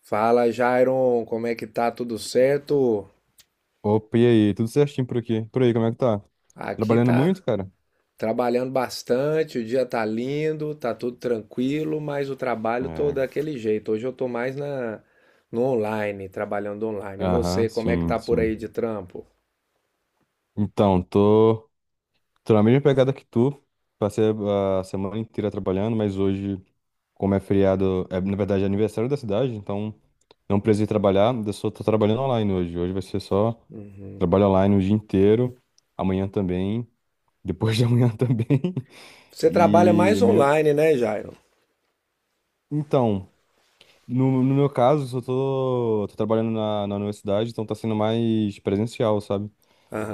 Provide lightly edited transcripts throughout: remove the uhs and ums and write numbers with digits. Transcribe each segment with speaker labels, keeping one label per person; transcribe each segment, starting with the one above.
Speaker 1: Fala, Jairon, como é que tá? Tudo certo?
Speaker 2: Opa, e aí? Tudo certinho por aqui? Por aí, como é que tá?
Speaker 1: Aqui
Speaker 2: Trabalhando
Speaker 1: tá
Speaker 2: muito, cara?
Speaker 1: trabalhando bastante, o dia tá lindo, tá tudo tranquilo, mas o trabalho tô
Speaker 2: É.
Speaker 1: daquele jeito. Hoje eu tô mais na no online, trabalhando online. E
Speaker 2: Aham,
Speaker 1: você, como é que
Speaker 2: sim,
Speaker 1: tá por aí
Speaker 2: sim.
Speaker 1: de trampo?
Speaker 2: Então, tô, tô na mesma pegada que tu. Passei a semana inteira trabalhando, mas hoje, como é feriado, é, na verdade é aniversário da cidade, então não precisei trabalhar, eu só tô trabalhando online hoje. Hoje vai ser só trabalho online o dia inteiro, amanhã também, depois de amanhã também.
Speaker 1: Você trabalha
Speaker 2: E
Speaker 1: mais
Speaker 2: meu,
Speaker 1: online, né, Jairon?
Speaker 2: então. No meu caso, só tô, tô trabalhando na universidade, então tá sendo mais presencial, sabe?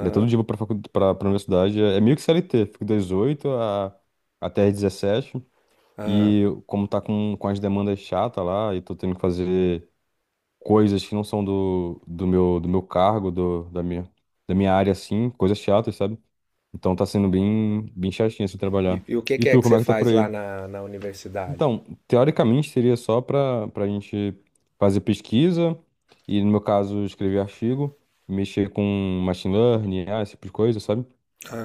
Speaker 2: É todo dia eu vou pra, pra, pra universidade. É meio que CLT, fico das 8 a, até as 17.
Speaker 1: aham.
Speaker 2: E como tá com as demandas chatas lá, e tô tendo que fazer coisas que não são do, do meu cargo, do, da minha área, assim, coisas chatas, sabe? Então tá sendo bem, bem chatinho assim
Speaker 1: E,
Speaker 2: trabalhar.
Speaker 1: e o que
Speaker 2: E
Speaker 1: que é
Speaker 2: tu,
Speaker 1: que
Speaker 2: como
Speaker 1: você
Speaker 2: é que tá por
Speaker 1: faz lá
Speaker 2: aí?
Speaker 1: na universidade?
Speaker 2: Então, teoricamente seria só para a gente fazer pesquisa e, no meu caso, escrever artigo, mexer com machine learning, ah, esse tipo de coisa, sabe?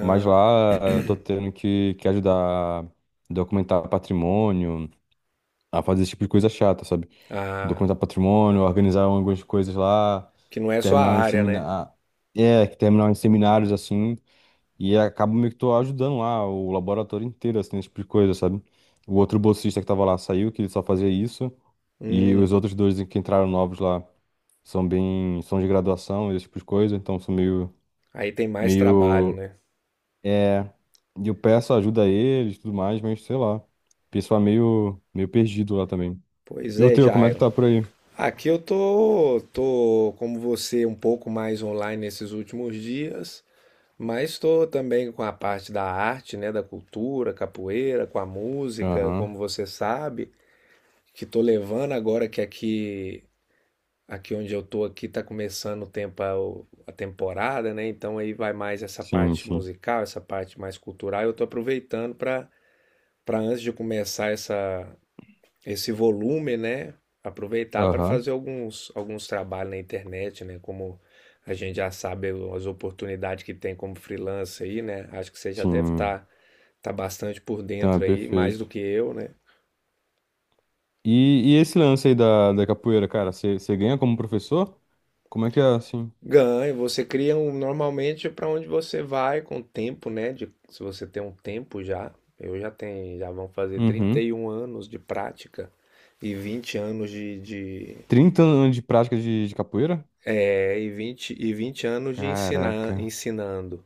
Speaker 2: Mas lá eu tô tendo que ajudar a documentar patrimônio, a fazer esse tipo de coisa chata, sabe?
Speaker 1: ah,
Speaker 2: Documentar patrimônio, organizar algumas coisas lá,
Speaker 1: que não é sua
Speaker 2: terminar em
Speaker 1: área, né?
Speaker 2: seminário. É, terminar em seminários assim. E acaba meio que tô ajudando lá o laboratório inteiro, assim, nesse tipo de coisa, sabe? O outro bolsista que tava lá saiu, que ele só fazia isso. E os
Speaker 1: Hum,
Speaker 2: outros dois que entraram novos lá são bem... São de graduação, esse tipo de coisa. Então, são meio...
Speaker 1: aí tem mais trabalho,
Speaker 2: Meio...
Speaker 1: né?
Speaker 2: É... E eu peço ajuda a eles e tudo mais, mas sei lá. O pessoal é meio... Meio perdido lá também.
Speaker 1: Pois
Speaker 2: E o
Speaker 1: é,
Speaker 2: teu, como é que
Speaker 1: Jairo.
Speaker 2: tá por aí?
Speaker 1: Aqui eu tô como você, um pouco mais online nesses últimos dias, mas estou também com a parte da arte, né, da cultura, capoeira, com a música,
Speaker 2: Aham.
Speaker 1: como você sabe, que tô levando agora que aqui onde eu tô aqui tá começando o tempo a temporada, né? Então aí vai mais essa
Speaker 2: Sim,
Speaker 1: parte
Speaker 2: sim.
Speaker 1: musical, essa parte mais cultural, eu tô aproveitando para antes de começar essa esse volume, né? Aproveitar para
Speaker 2: Aham.
Speaker 1: fazer alguns trabalhos na internet, né? Como a gente já sabe as oportunidades que tem como freelancer aí, né? Acho que você já deve
Speaker 2: Sim.
Speaker 1: estar tá bastante por
Speaker 2: Então, é
Speaker 1: dentro aí, mais do
Speaker 2: perfeito.
Speaker 1: que eu, né?
Speaker 2: E, e esse lance aí da, da capoeira, cara, você ganha como professor? Como é que é assim?
Speaker 1: Ganha, você cria um, normalmente para onde você vai com o tempo, né? Se você tem um tempo já, eu já tenho, já vão fazer trinta
Speaker 2: Uhum.
Speaker 1: e um anos de prática e 20 anos de
Speaker 2: 30 anos de prática de capoeira?
Speaker 1: é, e 20 anos de ensinar,
Speaker 2: Caraca,
Speaker 1: ensinando.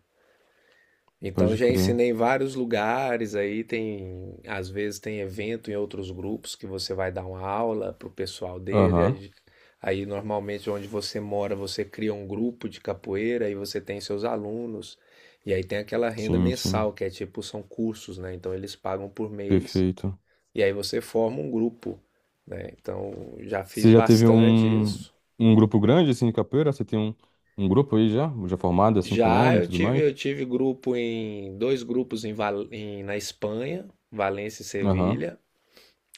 Speaker 1: Então
Speaker 2: pode
Speaker 1: já
Speaker 2: crer.
Speaker 1: ensinei em vários lugares aí, tem, às vezes tem evento em outros grupos que você vai dar uma aula pro pessoal dele,
Speaker 2: Aham,
Speaker 1: aí normalmente onde você mora, você cria um grupo de capoeira e você tem seus alunos. E aí tem aquela renda
Speaker 2: sim, sim,
Speaker 1: mensal, que é tipo, são cursos, né? Então eles pagam por mês
Speaker 2: perfeito.
Speaker 1: e aí você forma um grupo, né? Então já fiz
Speaker 2: Você já teve
Speaker 1: bastante
Speaker 2: um,
Speaker 1: isso.
Speaker 2: um grupo grande assim de capoeira? Você tem um, um grupo aí já? Já formado assim com
Speaker 1: Já
Speaker 2: nome e
Speaker 1: eu
Speaker 2: tudo
Speaker 1: tive,
Speaker 2: mais?
Speaker 1: eu tive grupo em dois grupos na Espanha, Valência e
Speaker 2: Aham,
Speaker 1: Sevilha,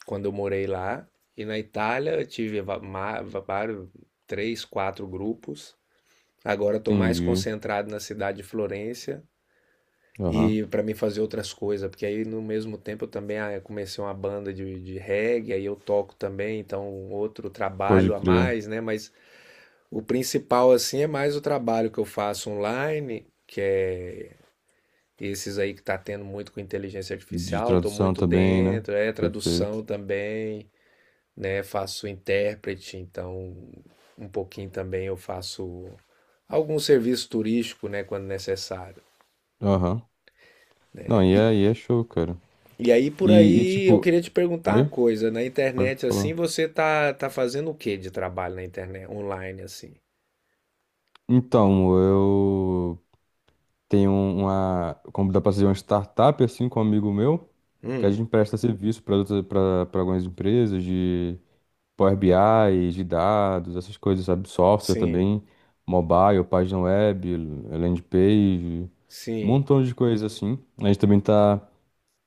Speaker 1: quando eu morei lá. E na Itália eu tive vários, três, quatro grupos. Agora estou mais
Speaker 2: entendi.
Speaker 1: concentrado na cidade de Florença
Speaker 2: Aham,
Speaker 1: e para mim fazer outras coisas, porque aí no mesmo tempo eu também eu comecei uma banda de reggae, aí eu toco também, então outro
Speaker 2: pode
Speaker 1: trabalho a
Speaker 2: crer.
Speaker 1: mais, né? Mas o principal assim é mais o trabalho que eu faço online, que é esses aí que tá tendo muito com inteligência
Speaker 2: De
Speaker 1: artificial, tô
Speaker 2: tradução
Speaker 1: muito
Speaker 2: também, né?
Speaker 1: dentro, é
Speaker 2: Perfeito.
Speaker 1: tradução também, né? Faço intérprete, então um pouquinho também eu faço algum serviço turístico, né, quando necessário.
Speaker 2: Aham. Não, e é show, cara.
Speaker 1: E aí por
Speaker 2: E
Speaker 1: aí eu
Speaker 2: tipo.
Speaker 1: queria te perguntar uma
Speaker 2: Oi?
Speaker 1: coisa, na
Speaker 2: Pode
Speaker 1: internet assim,
Speaker 2: falar.
Speaker 1: você tá fazendo o que de trabalho na internet online assim?
Speaker 2: Então, eu tenho uma. Como dá pra ser uma startup, assim, com um amigo meu, que a
Speaker 1: Hum,
Speaker 2: gente presta serviço para algumas empresas de Power BI, de dados, essas coisas, sabe? Software
Speaker 1: sim,
Speaker 2: também, mobile, página web, landing page, um
Speaker 1: sim.
Speaker 2: montão de coisas assim. A gente também tá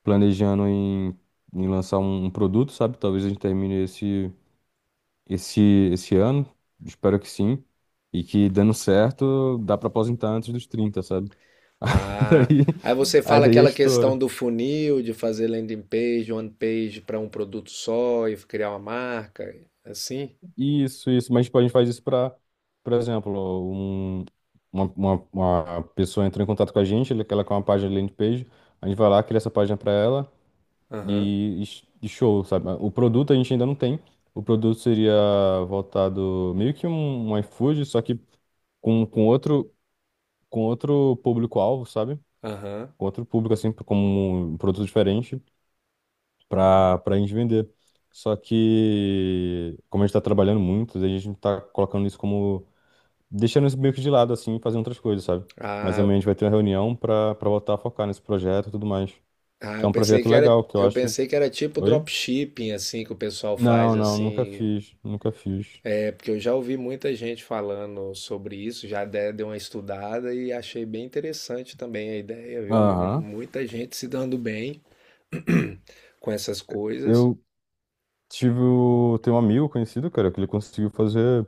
Speaker 2: planejando em, em lançar um produto, sabe? Talvez a gente termine esse. esse, esse ano, espero que sim. E que dando certo, dá pra aposentar antes dos 30, sabe?
Speaker 1: Ah,
Speaker 2: Daí,
Speaker 1: aí você
Speaker 2: aí
Speaker 1: fala
Speaker 2: daí é
Speaker 1: aquela questão
Speaker 2: estouro.
Speaker 1: do funil, de fazer landing page, one page para um produto só e criar uma marca, assim?
Speaker 2: Isso, isso. Mas tipo, a gente faz isso pra, por exemplo, um, uma pessoa entrou em contato com a gente, ela quer uma página de landing page, a gente vai lá, cria essa página pra ela
Speaker 1: Aham,
Speaker 2: e e show, sabe? O produto a gente ainda não tem. O produto seria voltado meio que um iFood, só que com, com outro, com outro público-alvo, sabe?
Speaker 1: aham.
Speaker 2: Com outro público, assim, como um produto diferente para a gente vender. Só que, como a gente tá trabalhando muito, daí a gente tá colocando isso como, deixando isso meio que de lado, assim, e fazendo outras coisas, sabe? Mas
Speaker 1: Ah, eu-
Speaker 2: amanhã a gente vai ter uma reunião para voltar a focar nesse projeto e tudo mais.
Speaker 1: ah,
Speaker 2: Que é
Speaker 1: eu
Speaker 2: um
Speaker 1: pensei
Speaker 2: projeto
Speaker 1: que era,
Speaker 2: legal, que eu
Speaker 1: eu
Speaker 2: acho.
Speaker 1: pensei que era tipo
Speaker 2: Oi?
Speaker 1: dropshipping, assim, que o pessoal
Speaker 2: Não,
Speaker 1: faz,
Speaker 2: não, nunca
Speaker 1: assim.
Speaker 2: fiz, nunca fiz.
Speaker 1: É porque eu já ouvi muita gente falando sobre isso, já dei uma estudada e achei bem interessante também a ideia, viu? Vi
Speaker 2: Aham.
Speaker 1: muita gente se dando bem com essas coisas.
Speaker 2: Eu tive. Tem um amigo conhecido, cara, que ele conseguiu fazer.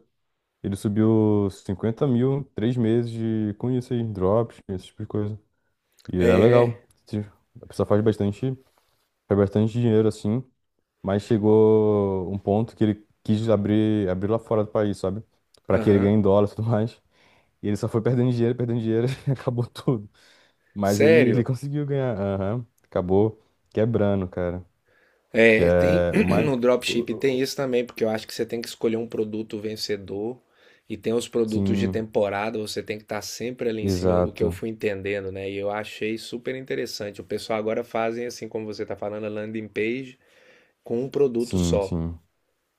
Speaker 2: Ele subiu 50 mil em 3 meses de, com isso aí, drops, esse tipo de coisa. E é legal.
Speaker 1: É,
Speaker 2: A pessoa faz bastante dinheiro assim, mas chegou um ponto que ele quis abrir, abrir lá fora do país, sabe? Pra que ele ganhe
Speaker 1: aham.
Speaker 2: em dólar e tudo mais. E ele só foi perdendo dinheiro e acabou tudo. Mas ele
Speaker 1: Sério?
Speaker 2: conseguiu ganhar. Aham. Acabou quebrando, cara. Que
Speaker 1: É, tem
Speaker 2: é o mais.
Speaker 1: no
Speaker 2: o-
Speaker 1: dropshipping
Speaker 2: o-
Speaker 1: tem
Speaker 2: o-
Speaker 1: isso também, porque eu acho que você tem que escolher um produto vencedor e tem os produtos de
Speaker 2: Sim,
Speaker 1: temporada, você tem que estar sempre ali em cima, o que eu
Speaker 2: exato.
Speaker 1: fui entendendo, né? E eu achei super interessante. O pessoal agora fazem assim como você está falando, a landing page com um produto
Speaker 2: Sim,
Speaker 1: só,
Speaker 2: sim.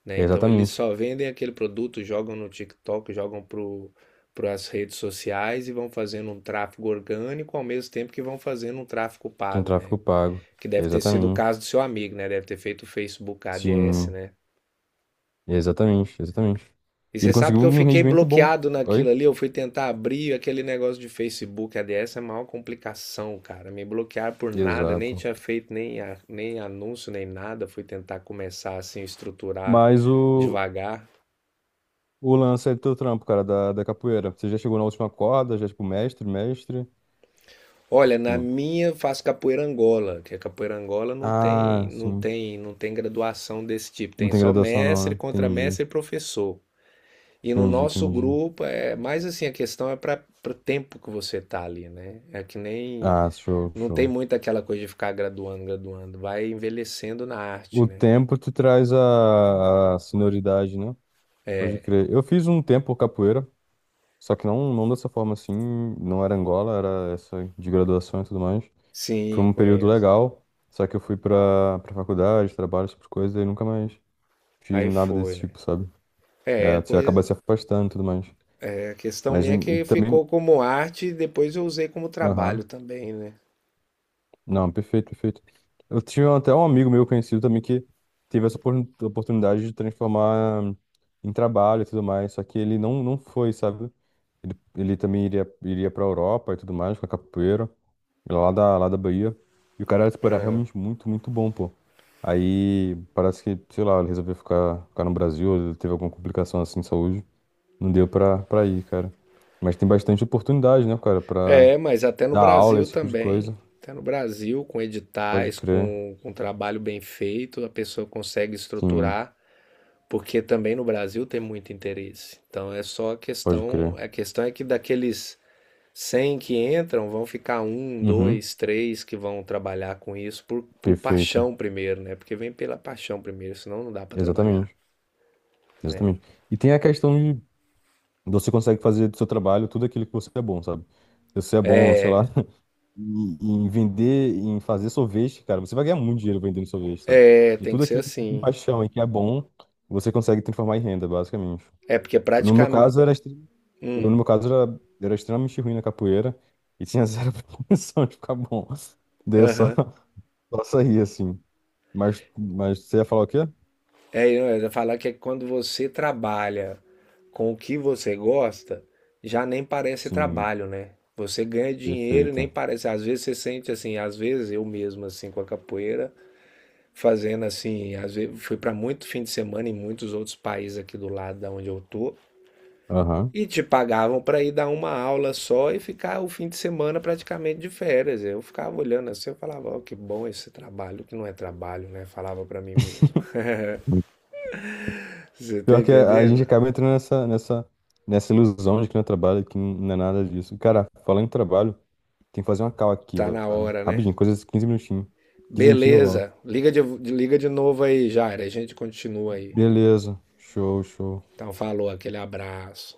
Speaker 1: né? Então eles
Speaker 2: Exatamente.
Speaker 1: só vendem aquele produto, jogam no TikTok, jogam pro para as redes sociais e vão fazendo um tráfego orgânico ao mesmo tempo que vão fazendo um tráfego
Speaker 2: Tem um
Speaker 1: pago, né?
Speaker 2: tráfico pago.
Speaker 1: Que deve ter sido o
Speaker 2: Exatamente.
Speaker 1: caso do seu amigo, né? Deve ter feito o Facebook ADS,
Speaker 2: Sim.
Speaker 1: né?
Speaker 2: Exatamente, exatamente.
Speaker 1: E
Speaker 2: E
Speaker 1: você
Speaker 2: ele
Speaker 1: sabe
Speaker 2: conseguiu
Speaker 1: que eu
Speaker 2: um
Speaker 1: fiquei
Speaker 2: rendimento bom.
Speaker 1: bloqueado naquilo
Speaker 2: Oi?
Speaker 1: ali, eu fui tentar abrir aquele negócio de Facebook ADS, é a maior complicação, cara. Me bloquearam por nada, nem
Speaker 2: Exato.
Speaker 1: tinha feito nem anúncio, nem nada. Fui tentar começar assim, estruturar
Speaker 2: Mas
Speaker 1: devagar.
Speaker 2: o lance é do teu trampo, cara, da, da capoeira. Você já chegou na última corda, já, tipo, mestre, mestre.
Speaker 1: Olha, na
Speaker 2: Tipo,
Speaker 1: minha faço capoeira Angola, que a capoeira Angola não tem,
Speaker 2: ah,
Speaker 1: não
Speaker 2: sim.
Speaker 1: tem, não tem graduação desse tipo,
Speaker 2: Não
Speaker 1: tem
Speaker 2: tem
Speaker 1: só
Speaker 2: graduação não,
Speaker 1: mestre,
Speaker 2: né? Entendi,
Speaker 1: contramestre e professor. E no
Speaker 2: entendi,
Speaker 1: nosso
Speaker 2: entendi.
Speaker 1: grupo é mais assim, a questão é para o tempo que você tá ali, né? É que nem
Speaker 2: Ah, show,
Speaker 1: não tem
Speaker 2: show.
Speaker 1: muito aquela coisa de ficar graduando, graduando, vai envelhecendo na arte,
Speaker 2: O
Speaker 1: né?
Speaker 2: tempo te traz a senioridade, né? Pode crer. Eu fiz um tempo capoeira, só que não, não dessa forma assim. Não era Angola, era essa de graduação e tudo mais. Foi
Speaker 1: Sim,
Speaker 2: um período
Speaker 1: conheço.
Speaker 2: legal, só que eu fui pra, pra faculdade, trabalho, essas coisas, e nunca mais fiz
Speaker 1: Aí
Speaker 2: nada
Speaker 1: foi,
Speaker 2: desse
Speaker 1: né?
Speaker 2: tipo, sabe?
Speaker 1: É,
Speaker 2: É, você
Speaker 1: coisa,
Speaker 2: acaba se afastando e tudo mais.
Speaker 1: é, a questão
Speaker 2: Mas
Speaker 1: minha é
Speaker 2: e
Speaker 1: que
Speaker 2: também.
Speaker 1: ficou como arte e depois eu usei como trabalho
Speaker 2: Aham.
Speaker 1: também, né?
Speaker 2: Não, perfeito, perfeito. Eu tinha até um amigo meu conhecido também que teve essa oportunidade de transformar em trabalho e tudo mais, só que ele não, não foi, sabe? Ele também iria, iria pra Europa e tudo mais, com a capoeira. Lá da Bahia. E o cara, tipo, era realmente muito, muito bom, pô. Aí parece que, sei lá, ele resolveu ficar, ficar no Brasil, ele teve alguma complicação assim de saúde. Não deu pra, pra ir, cara. Mas tem bastante oportunidade, né, cara, pra
Speaker 1: É, mas até no
Speaker 2: dar aula,
Speaker 1: Brasil
Speaker 2: esse tipo de
Speaker 1: também.
Speaker 2: coisa.
Speaker 1: Até no Brasil, com
Speaker 2: Pode
Speaker 1: editais,
Speaker 2: crer.
Speaker 1: com trabalho bem feito, a pessoa consegue
Speaker 2: Sim,
Speaker 1: estruturar. Porque também no Brasil tem muito interesse. Então é só a
Speaker 2: pode crer.
Speaker 1: questão, a questão é que daqueles 100 que entram, vão ficar um,
Speaker 2: Uhum.
Speaker 1: dois, três que vão trabalhar com isso por
Speaker 2: Perfeito.
Speaker 1: paixão primeiro, né? Porque vem pela paixão primeiro, senão não dá para trabalhar,
Speaker 2: Exatamente.
Speaker 1: né?
Speaker 2: Exatamente. E tem a questão de você consegue fazer do seu trabalho tudo aquilo que você é bom, sabe? Se você é bom, sei lá, e em vender, em fazer sorvete, cara, você vai ganhar muito dinheiro vendendo sorvete, sabe?
Speaker 1: É,
Speaker 2: E
Speaker 1: tem que
Speaker 2: tudo
Speaker 1: ser
Speaker 2: aquilo que você tem
Speaker 1: assim.
Speaker 2: paixão e que é bom, você consegue transformar em renda, basicamente.
Speaker 1: É porque é
Speaker 2: No meu
Speaker 1: praticamente,
Speaker 2: caso, era, eu, no
Speaker 1: hum,
Speaker 2: meu caso, era, era extremamente ruim na capoeira e tinha zero pretensão de ficar bom. Daí eu só,
Speaker 1: aham.
Speaker 2: só saí, assim. Mas você ia falar o quê?
Speaker 1: É, eu ia falar que é quando você trabalha com o que você gosta, já nem parece
Speaker 2: Sim,
Speaker 1: trabalho, né? Você ganha dinheiro e nem
Speaker 2: perfeito.
Speaker 1: parece. Às vezes você sente assim, às vezes eu mesmo, assim, com a capoeira, fazendo assim, às vezes fui para muito fim de semana em muitos outros países aqui do lado da onde eu tô,
Speaker 2: Aham.
Speaker 1: e te pagavam para ir dar uma aula só e ficar o fim de semana praticamente de férias. Eu ficava olhando assim, eu falava, ó, que bom esse trabalho, que não é trabalho, né? Falava para mim mesmo. Você tá
Speaker 2: Pior que a gente
Speaker 1: entendendo?
Speaker 2: acaba entrando nessa, nessa, nessa ilusão de que não é trabalho, que não é nada disso. Cara, falando em trabalho, tem que fazer uma call aqui,
Speaker 1: Tá
Speaker 2: velho.
Speaker 1: na hora, né?
Speaker 2: Rapidinho, coisa de 15 minutinhos. 15 minutinhos eu volto.
Speaker 1: Beleza. Liga de novo aí, Jair. A gente continua aí.
Speaker 2: Beleza. Show, show.
Speaker 1: Então, falou, aquele abraço.